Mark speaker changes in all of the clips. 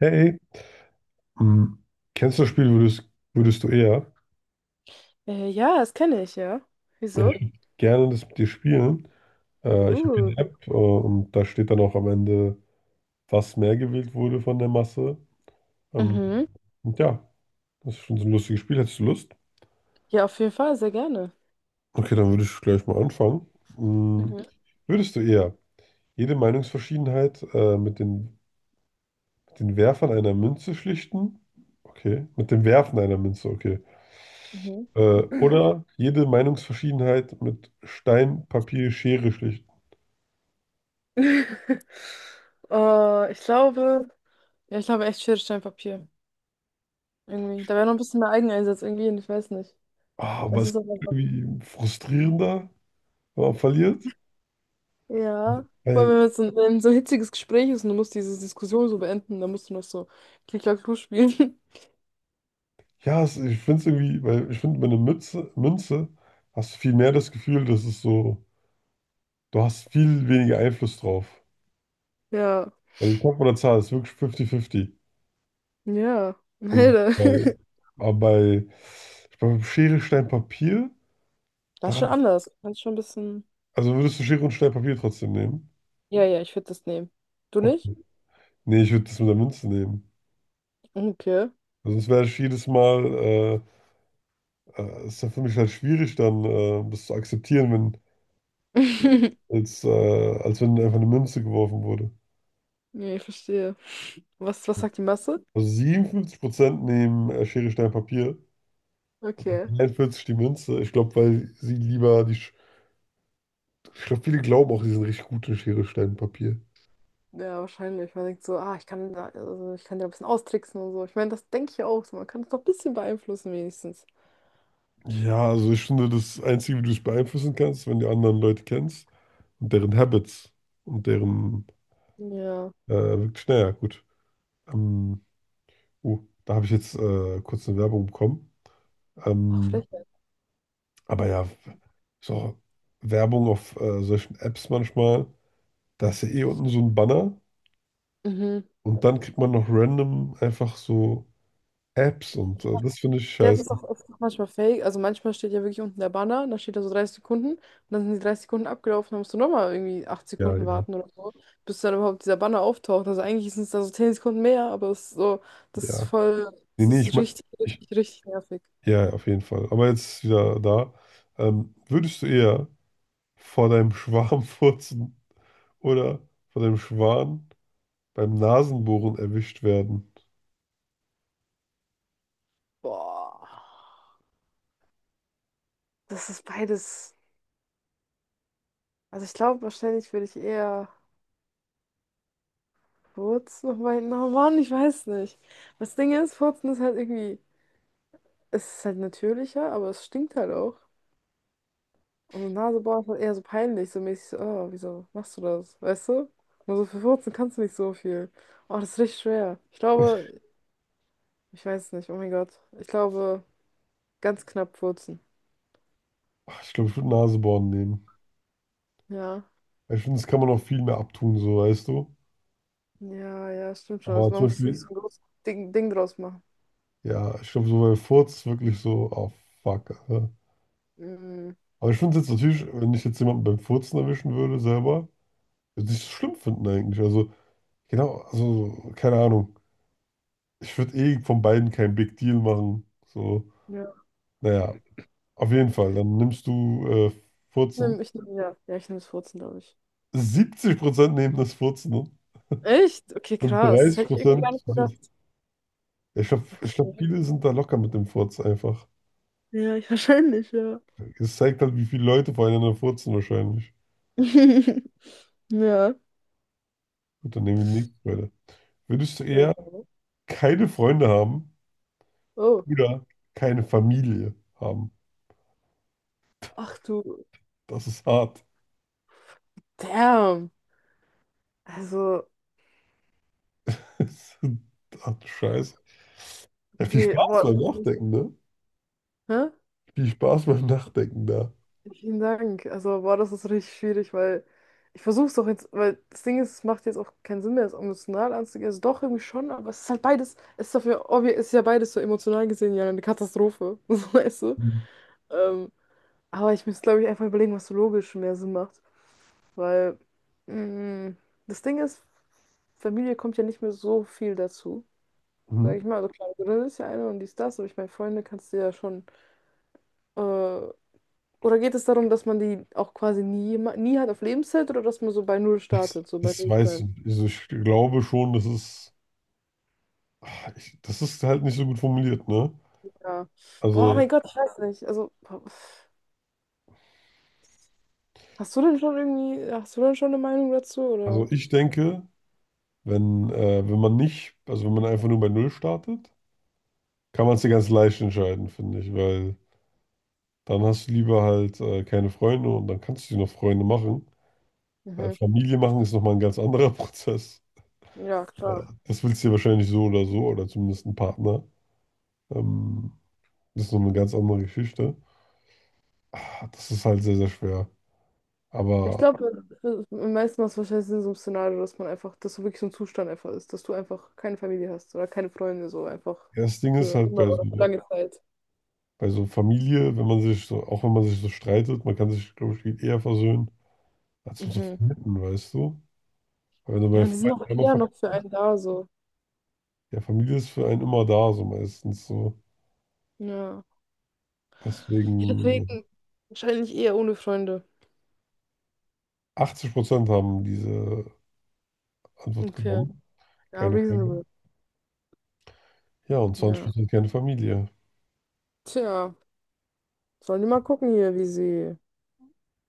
Speaker 1: Hey, hm, kennst du das Spiel, würdest du eher?
Speaker 2: Ja, das kenne ich, ja.
Speaker 1: Ja, ich
Speaker 2: Wieso?
Speaker 1: würde gerne das mit dir spielen. Ich habe hier
Speaker 2: Uh.
Speaker 1: eine App, und da steht dann auch am Ende, was mehr gewählt wurde von der Masse. Ähm,
Speaker 2: Mhm.
Speaker 1: und ja, das ist schon so ein lustiges Spiel. Hättest du Lust?
Speaker 2: Ja, auf jeden Fall, sehr gerne.
Speaker 1: Okay, dann würde ich gleich mal anfangen. Hm,
Speaker 2: Mhm.
Speaker 1: würdest du eher jede Meinungsverschiedenheit mit den Werfern einer Münze schlichten? Okay, mit dem Werfen einer Münze, okay.
Speaker 2: Mhm.
Speaker 1: Oder jede Meinungsverschiedenheit mit Stein, Papier, Schere schlichten.
Speaker 2: äh, ich glaube, ja, ich glaube echt Schere, Stein, Papier. Irgendwie. Da wäre noch ein bisschen mehr Eigeneinsatz irgendwie, hin, ich weiß nicht.
Speaker 1: Ah,
Speaker 2: Es
Speaker 1: was
Speaker 2: ist aber einfach.
Speaker 1: irgendwie frustrierender, wenn man verliert.
Speaker 2: Ja. Vor allem,
Speaker 1: Weil,
Speaker 2: wenn jetzt wenn so ein hitziges Gespräch ist und du musst diese Diskussion so beenden, dann musst du noch so Klick-Klack-Klu spielen.
Speaker 1: ja, es, ich finde es irgendwie, weil ich finde, mit einer Mütze, Münze hast du viel mehr das Gefühl, dass es so, du hast viel weniger Einfluss drauf.
Speaker 2: Ja.
Speaker 1: Weil du kommst mit einer Zahl, es ist wirklich 50-50.
Speaker 2: Ja.
Speaker 1: Und
Speaker 2: Alter.
Speaker 1: bei, aber bei, ich glaube, Schere, Stein, Papier,
Speaker 2: Das ist
Speaker 1: da,
Speaker 2: schon anders. Das ist schon ein bisschen.
Speaker 1: also würdest du Schere und Stein, Papier trotzdem nehmen?
Speaker 2: Ja, ja, ich würde das nehmen. Du nicht?
Speaker 1: Okay. Nee, ich würde das mit der Münze nehmen.
Speaker 2: Okay.
Speaker 1: Also es wäre halt jedes Mal, ist ja für mich halt schwierig dann, das zu akzeptieren, wenn, als wenn einfach eine Münze geworfen wurde.
Speaker 2: Nee, ich verstehe. Was sagt die Masse?
Speaker 1: Also 57% nehmen Schere, Stein, Papier,
Speaker 2: Okay.
Speaker 1: 41 die Münze. Ich glaube, weil sie lieber die, Sch- ich glaube, viele glauben auch, sie sind richtig gut in Schere, Stein, Papier.
Speaker 2: Ja, wahrscheinlich. Man denkt so, ah, also ich kann da ein bisschen austricksen und so. Ich meine, das denke ich ja auch so. Man kann es doch ein bisschen beeinflussen, wenigstens.
Speaker 1: Ja, also ich finde, das Einzige, wie du es beeinflussen kannst, wenn du anderen Leute kennst und deren Habits und deren,
Speaker 2: Ja.
Speaker 1: wirklich, naja, gut. Ähm, oh, da habe ich jetzt kurz eine Werbung bekommen.
Speaker 2: Ach,
Speaker 1: Ähm,
Speaker 2: Frechheit.
Speaker 1: aber ja, so Werbung auf solchen Apps manchmal, da ist ja eh unten so ein Banner
Speaker 2: Mhm.
Speaker 1: und dann kriegt man noch random einfach so Apps und
Speaker 2: Ich mein,
Speaker 1: das finde ich
Speaker 2: ja, es
Speaker 1: scheiße.
Speaker 2: ist auch oft noch manchmal fake. Also manchmal steht ja wirklich unten der Banner, dann steht da so 30 Sekunden und dann sind die 30 Sekunden abgelaufen, dann musst du nochmal irgendwie acht
Speaker 1: Ja,
Speaker 2: Sekunden
Speaker 1: ja,
Speaker 2: warten oder so, bis dann überhaupt dieser Banner auftaucht. Also eigentlich sind es da so 10 Sekunden mehr, aber es ist so, das ist
Speaker 1: ja.
Speaker 2: voll,
Speaker 1: Nee,
Speaker 2: das
Speaker 1: nee, ich
Speaker 2: ist
Speaker 1: meine,
Speaker 2: richtig,
Speaker 1: ich,
Speaker 2: richtig, richtig nervig.
Speaker 1: ja, ja, auf jeden Fall. Aber jetzt wieder da. Würdest du eher vor deinem Schwarm furzen oder vor deinem Schwan beim Nasenbohren erwischt werden?
Speaker 2: Boah. Das ist beides. Also ich glaube, wahrscheinlich würde ich eher furzen, aber na Mann, ich weiß nicht. Das Ding ist, furzen ist halt irgendwie, es ist halt natürlicher, aber es stinkt halt auch. Und Nase boah, ist halt eher so peinlich, so mäßig so, oh, wieso machst du das, weißt du? Nur so für furzen kannst du nicht so viel. Oh, das ist richtig schwer. Ich glaube, ich weiß nicht, oh mein Gott. Ich glaube, ganz knapp furzen.
Speaker 1: Ach, ich glaube, ich würde Nasebohren nehmen.
Speaker 2: Ja,
Speaker 1: Ich finde, das kann man auch viel mehr abtun, so weißt du.
Speaker 2: ja, ja, stimmt schon.
Speaker 1: Aber
Speaker 2: Also man
Speaker 1: zum
Speaker 2: muss nicht so
Speaker 1: Beispiel,
Speaker 2: ein großes Ding draus machen.
Speaker 1: Ja, ich glaube, so beim Furz wirklich so, oh fuck. Alter.
Speaker 2: Mhm.
Speaker 1: Aber ich finde es jetzt natürlich, wenn ich jetzt jemanden beim Furzen erwischen würde, selber, würde ich es schlimm finden eigentlich. Also, genau, also, keine Ahnung. Ich würde eh von beiden kein Big Deal machen. So,
Speaker 2: Ja.
Speaker 1: naja, auf jeden Fall. Dann nimmst du Furzen.
Speaker 2: Ich nehme ja. Ja, ich nehme das vierzehn glaube ich.
Speaker 1: 70% nehmen das Furzen, ne?
Speaker 2: Echt? Okay,
Speaker 1: Und
Speaker 2: krass. Hätte ich irgendwie gar
Speaker 1: 30%.
Speaker 2: nicht gedacht.
Speaker 1: Ich glaube,
Speaker 2: Okay.
Speaker 1: viele sind da locker mit dem Furz einfach.
Speaker 2: Ja, ich wahrscheinlich, ja.
Speaker 1: Es zeigt halt, wie viele Leute voreinander furzen wahrscheinlich.
Speaker 2: Ja,
Speaker 1: Gut, dann nehmen wir die nächste Frage. Würdest du
Speaker 2: sehr
Speaker 1: eher
Speaker 2: gerne.
Speaker 1: keine Freunde haben
Speaker 2: Oh.
Speaker 1: oder keine Familie haben?
Speaker 2: Ach du.
Speaker 1: Das ist hart.
Speaker 2: Damn. Also,
Speaker 1: Ach du Scheiße. Ja, viel
Speaker 2: nee,
Speaker 1: Spaß
Speaker 2: boah.
Speaker 1: beim Nachdenken, ne?
Speaker 2: Hä?
Speaker 1: Viel Spaß beim Nachdenken da.
Speaker 2: Vielen Dank. Also, boah, das ist richtig schwierig, weil ich versuche es doch jetzt, weil das Ding ist, es macht jetzt auch keinen Sinn mehr, es emotional anzugehen. Also doch irgendwie schon, aber es ist halt beides, es ist dafür, es ist ja beides so emotional gesehen ja eine Katastrophe. So, weißt du? Ähm, Aber ich muss glaube ich, einfach überlegen, was so logisch mehr Sinn macht. Weil mh, das Ding ist, Familie kommt ja nicht mehr so viel dazu. Sag
Speaker 1: Mhm.
Speaker 2: ich mal, also klar, Grill ist ja eine und dies, das, aber ich meine, Freunde kannst du ja schon. Äh, oder geht es darum, dass man die auch quasi nie hat auf Lebenszeit oder dass man so bei Null
Speaker 1: Das,
Speaker 2: startet, so bei
Speaker 1: das
Speaker 2: Null
Speaker 1: weiß
Speaker 2: sein?
Speaker 1: ich nicht. Also ich glaube schon, das ist, ach, ich, das ist halt nicht so gut formuliert, ne?
Speaker 2: Ja. Boah,
Speaker 1: Also,
Speaker 2: mein Gott, ich weiß nicht. Also, hast du denn schon irgendwie, hast du denn schon eine Meinung dazu,
Speaker 1: also
Speaker 2: oder?
Speaker 1: ich denke, wenn man nicht, also wenn man einfach nur bei Null startet, kann man es dir ganz leicht entscheiden, finde ich, weil dann hast du lieber halt keine Freunde und dann kannst du dir noch Freunde machen. Weil
Speaker 2: Mhm.
Speaker 1: Familie machen ist nochmal ein ganz anderer Prozess.
Speaker 2: Ja,
Speaker 1: Ja,
Speaker 2: klar.
Speaker 1: das willst du ja wahrscheinlich so oder so, oder zumindest ein Partner. Ähm, Das ist noch eine ganz andere Geschichte. Ah, das ist halt sehr, sehr schwer.
Speaker 2: Ich
Speaker 1: Aber
Speaker 2: glaube, am meisten macht es wahrscheinlich Sinn, so ein Szenario, dass man einfach, dass so wirklich so ein Zustand einfach ist, dass du einfach keine Familie hast oder keine Freunde, so einfach
Speaker 1: ja, das Ding ist
Speaker 2: für
Speaker 1: halt
Speaker 2: immer
Speaker 1: bei
Speaker 2: oder für
Speaker 1: so,
Speaker 2: lange Zeit.
Speaker 1: bei so Familie, wenn man sich so, auch wenn man sich so streitet, man kann sich, glaube ich, viel eher versöhnen, als mit so
Speaker 2: Mhm.
Speaker 1: Freunden, weißt du? Weil wenn du bei
Speaker 2: Ja, die sind
Speaker 1: Freunden
Speaker 2: auch
Speaker 1: einmal
Speaker 2: eher noch
Speaker 1: verkackst,
Speaker 2: für einen da, so.
Speaker 1: ja, Familie ist für einen immer da, so meistens so.
Speaker 2: Ja. Ja,
Speaker 1: Deswegen
Speaker 2: deswegen wahrscheinlich eher ohne Freunde.
Speaker 1: 80% haben diese Antwort
Speaker 2: Okay.
Speaker 1: genommen.
Speaker 2: Ja,
Speaker 1: Keine
Speaker 2: reasonable.
Speaker 1: Freunde. Ja, und
Speaker 2: Ja.
Speaker 1: 20% gerne Familie.
Speaker 2: Tja, sollen die mal gucken hier, wie sie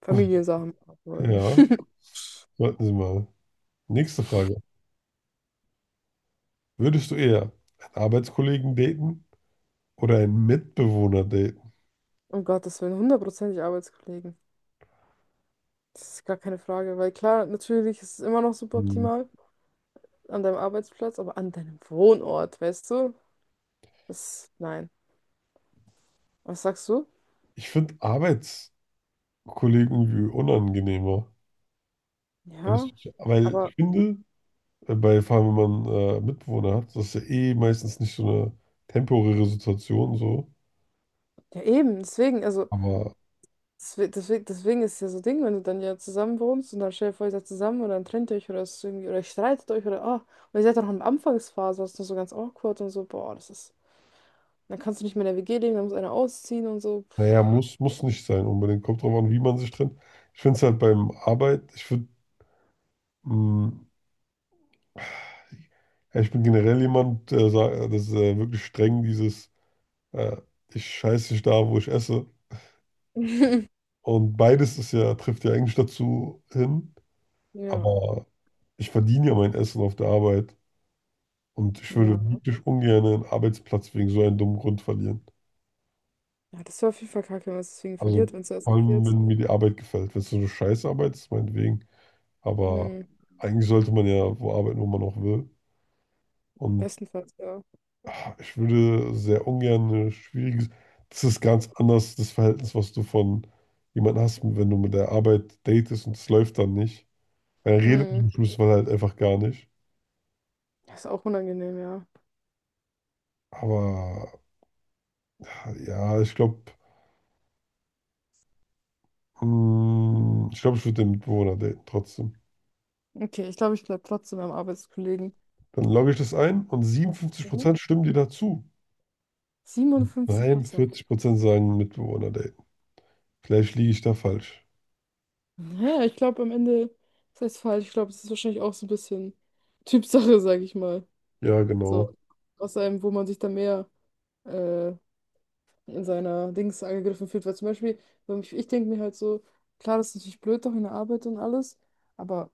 Speaker 2: Familiensachen machen wollen.
Speaker 1: Ja, warten Sie mal. Nächste Frage. Würdest du eher einen Arbeitskollegen daten oder einen Mitbewohner daten?
Speaker 2: Oh Gott, das wären hundertprozentig Arbeitskollegen. Das ist gar keine Frage, weil klar, natürlich ist es immer noch super
Speaker 1: Hm.
Speaker 2: optimal. An deinem Arbeitsplatz, aber an deinem Wohnort, weißt du? Das, nein. Was sagst du?
Speaker 1: Ich finde Arbeitskollegen irgendwie unangenehmer. Wenn
Speaker 2: Ja,
Speaker 1: ich, weil ich
Speaker 2: aber
Speaker 1: finde, bei, vor allem wenn man Mitbewohner hat, das ist ja eh meistens nicht so eine temporäre Situation so.
Speaker 2: ja eben, deswegen, also
Speaker 1: Aber
Speaker 2: deswegen ist ja so Ding, wenn du dann ja zusammen wohnst und dann stellt ihr vor, ihr seid zusammen und dann trennt ihr euch oder es ist irgendwie, oder ihr streitet euch oder ah, und ihr seid dann noch in der Anfangsphase, das ist noch so ganz awkward und so, boah, das ist, dann kannst du nicht mehr in der WG leben, dann muss einer ausziehen und so.
Speaker 1: naja, muss nicht sein unbedingt. Kommt drauf an, wie man sich trennt. Ich finde es halt beim Arbeit, ich würde. Ja, ich bin generell jemand, der sagt, das ist wirklich streng, dieses äh, ich scheiße nicht da, wo ich esse. Und beides ist ja, trifft ja eigentlich dazu hin.
Speaker 2: Ja,
Speaker 1: Aber ich verdiene ja mein Essen auf der Arbeit. Und ich würde
Speaker 2: ja.
Speaker 1: wirklich ungern einen Arbeitsplatz wegen so einem dummen Grund verlieren.
Speaker 2: Ja, das wäre auf jeden Fall kacke, wenn man es deswegen
Speaker 1: Also
Speaker 2: verliert, wenn es so
Speaker 1: vor allem,
Speaker 2: eskaliert.
Speaker 1: wenn mir die Arbeit gefällt. Wenn es so eine Scheißarbeit ist, meinetwegen. Aber
Speaker 2: Hm,
Speaker 1: eigentlich sollte man ja wo arbeiten, wo man auch will. Und
Speaker 2: bestenfalls, ja.
Speaker 1: ich würde sehr ungern eine schwierige. Das ist ganz anders, das Verhältnis, was du von jemandem hast, wenn du mit der Arbeit datest und es läuft dann nicht. Dann redet
Speaker 2: Hm,
Speaker 1: man im Schluss man halt einfach gar nicht.
Speaker 2: Das ist auch unangenehm, ja.
Speaker 1: Aber ja, ich glaube, ich würde den Mitbewohner daten trotzdem.
Speaker 2: Okay, ich glaube, ich bleibe trotzdem beim Arbeitskollegen.
Speaker 1: Dann logge ich das ein und
Speaker 2: Mhm.
Speaker 1: 57% stimmen dir dazu.
Speaker 2: 57
Speaker 1: Nein,
Speaker 2: Prozent.
Speaker 1: 40% sagen Mitbewohner daten. Vielleicht liege ich da falsch.
Speaker 2: Naja, ich glaube am Ende, das heißt falsch, ich glaube, es ist wahrscheinlich auch so ein bisschen Typsache, sage ich mal.
Speaker 1: Ja, genau.
Speaker 2: So, aus einem, wo man sich dann mehr äh, in seiner Dings angegriffen fühlt. Weil zum Beispiel, wenn ich, denke mir halt so, klar, das ist natürlich blöd doch in der Arbeit und alles, aber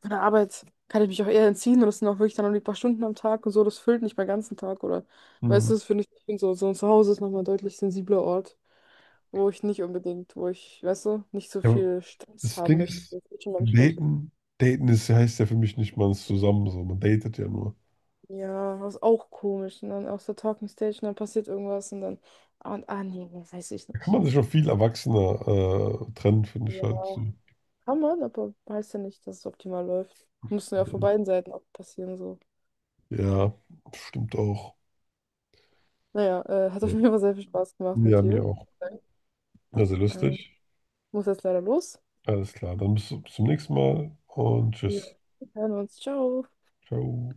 Speaker 2: von der Arbeit kann ich mich auch eher entziehen und das sind auch wirklich dann noch die paar Stunden am Tag und so, das füllt nicht meinen ganzen Tag oder, weißt
Speaker 1: Hm.
Speaker 2: du, das finde ich, ich find so, so ein Zuhause ist nochmal ein deutlich sensibler Ort. Wo ich, weißt du, nicht so
Speaker 1: Ja,
Speaker 2: viel Stress
Speaker 1: das
Speaker 2: haben
Speaker 1: Ding
Speaker 2: möchte.
Speaker 1: ist,
Speaker 2: Das ist schon menschlich.
Speaker 1: daten, daten ist, heißt ja für mich nicht, man ist zusammen so, man datet ja nur.
Speaker 2: Ja, das ist auch komisch. Und dann aus der Talking Stage und dann passiert irgendwas und dann, ah, und, ah nee, das weiß ich
Speaker 1: Da kann
Speaker 2: nicht.
Speaker 1: man sich auch viel erwachsener trennen, finde ich halt, so.
Speaker 2: Ja, kann man, aber heißt ja nicht, dass es optimal läuft. Muss ja von beiden Seiten auch passieren, so.
Speaker 1: Ja, stimmt auch.
Speaker 2: Naja, hat auf
Speaker 1: Ja,
Speaker 2: jeden Fall sehr viel Spaß gemacht mit
Speaker 1: ja, mir
Speaker 2: dir.
Speaker 1: auch. Also
Speaker 2: Ähm,
Speaker 1: lustig.
Speaker 2: Muss jetzt leider los.
Speaker 1: Alles klar, dann bis zum nächsten Mal und
Speaker 2: Ja.
Speaker 1: tschüss.
Speaker 2: Wir hören uns. Ciao.
Speaker 1: Ciao.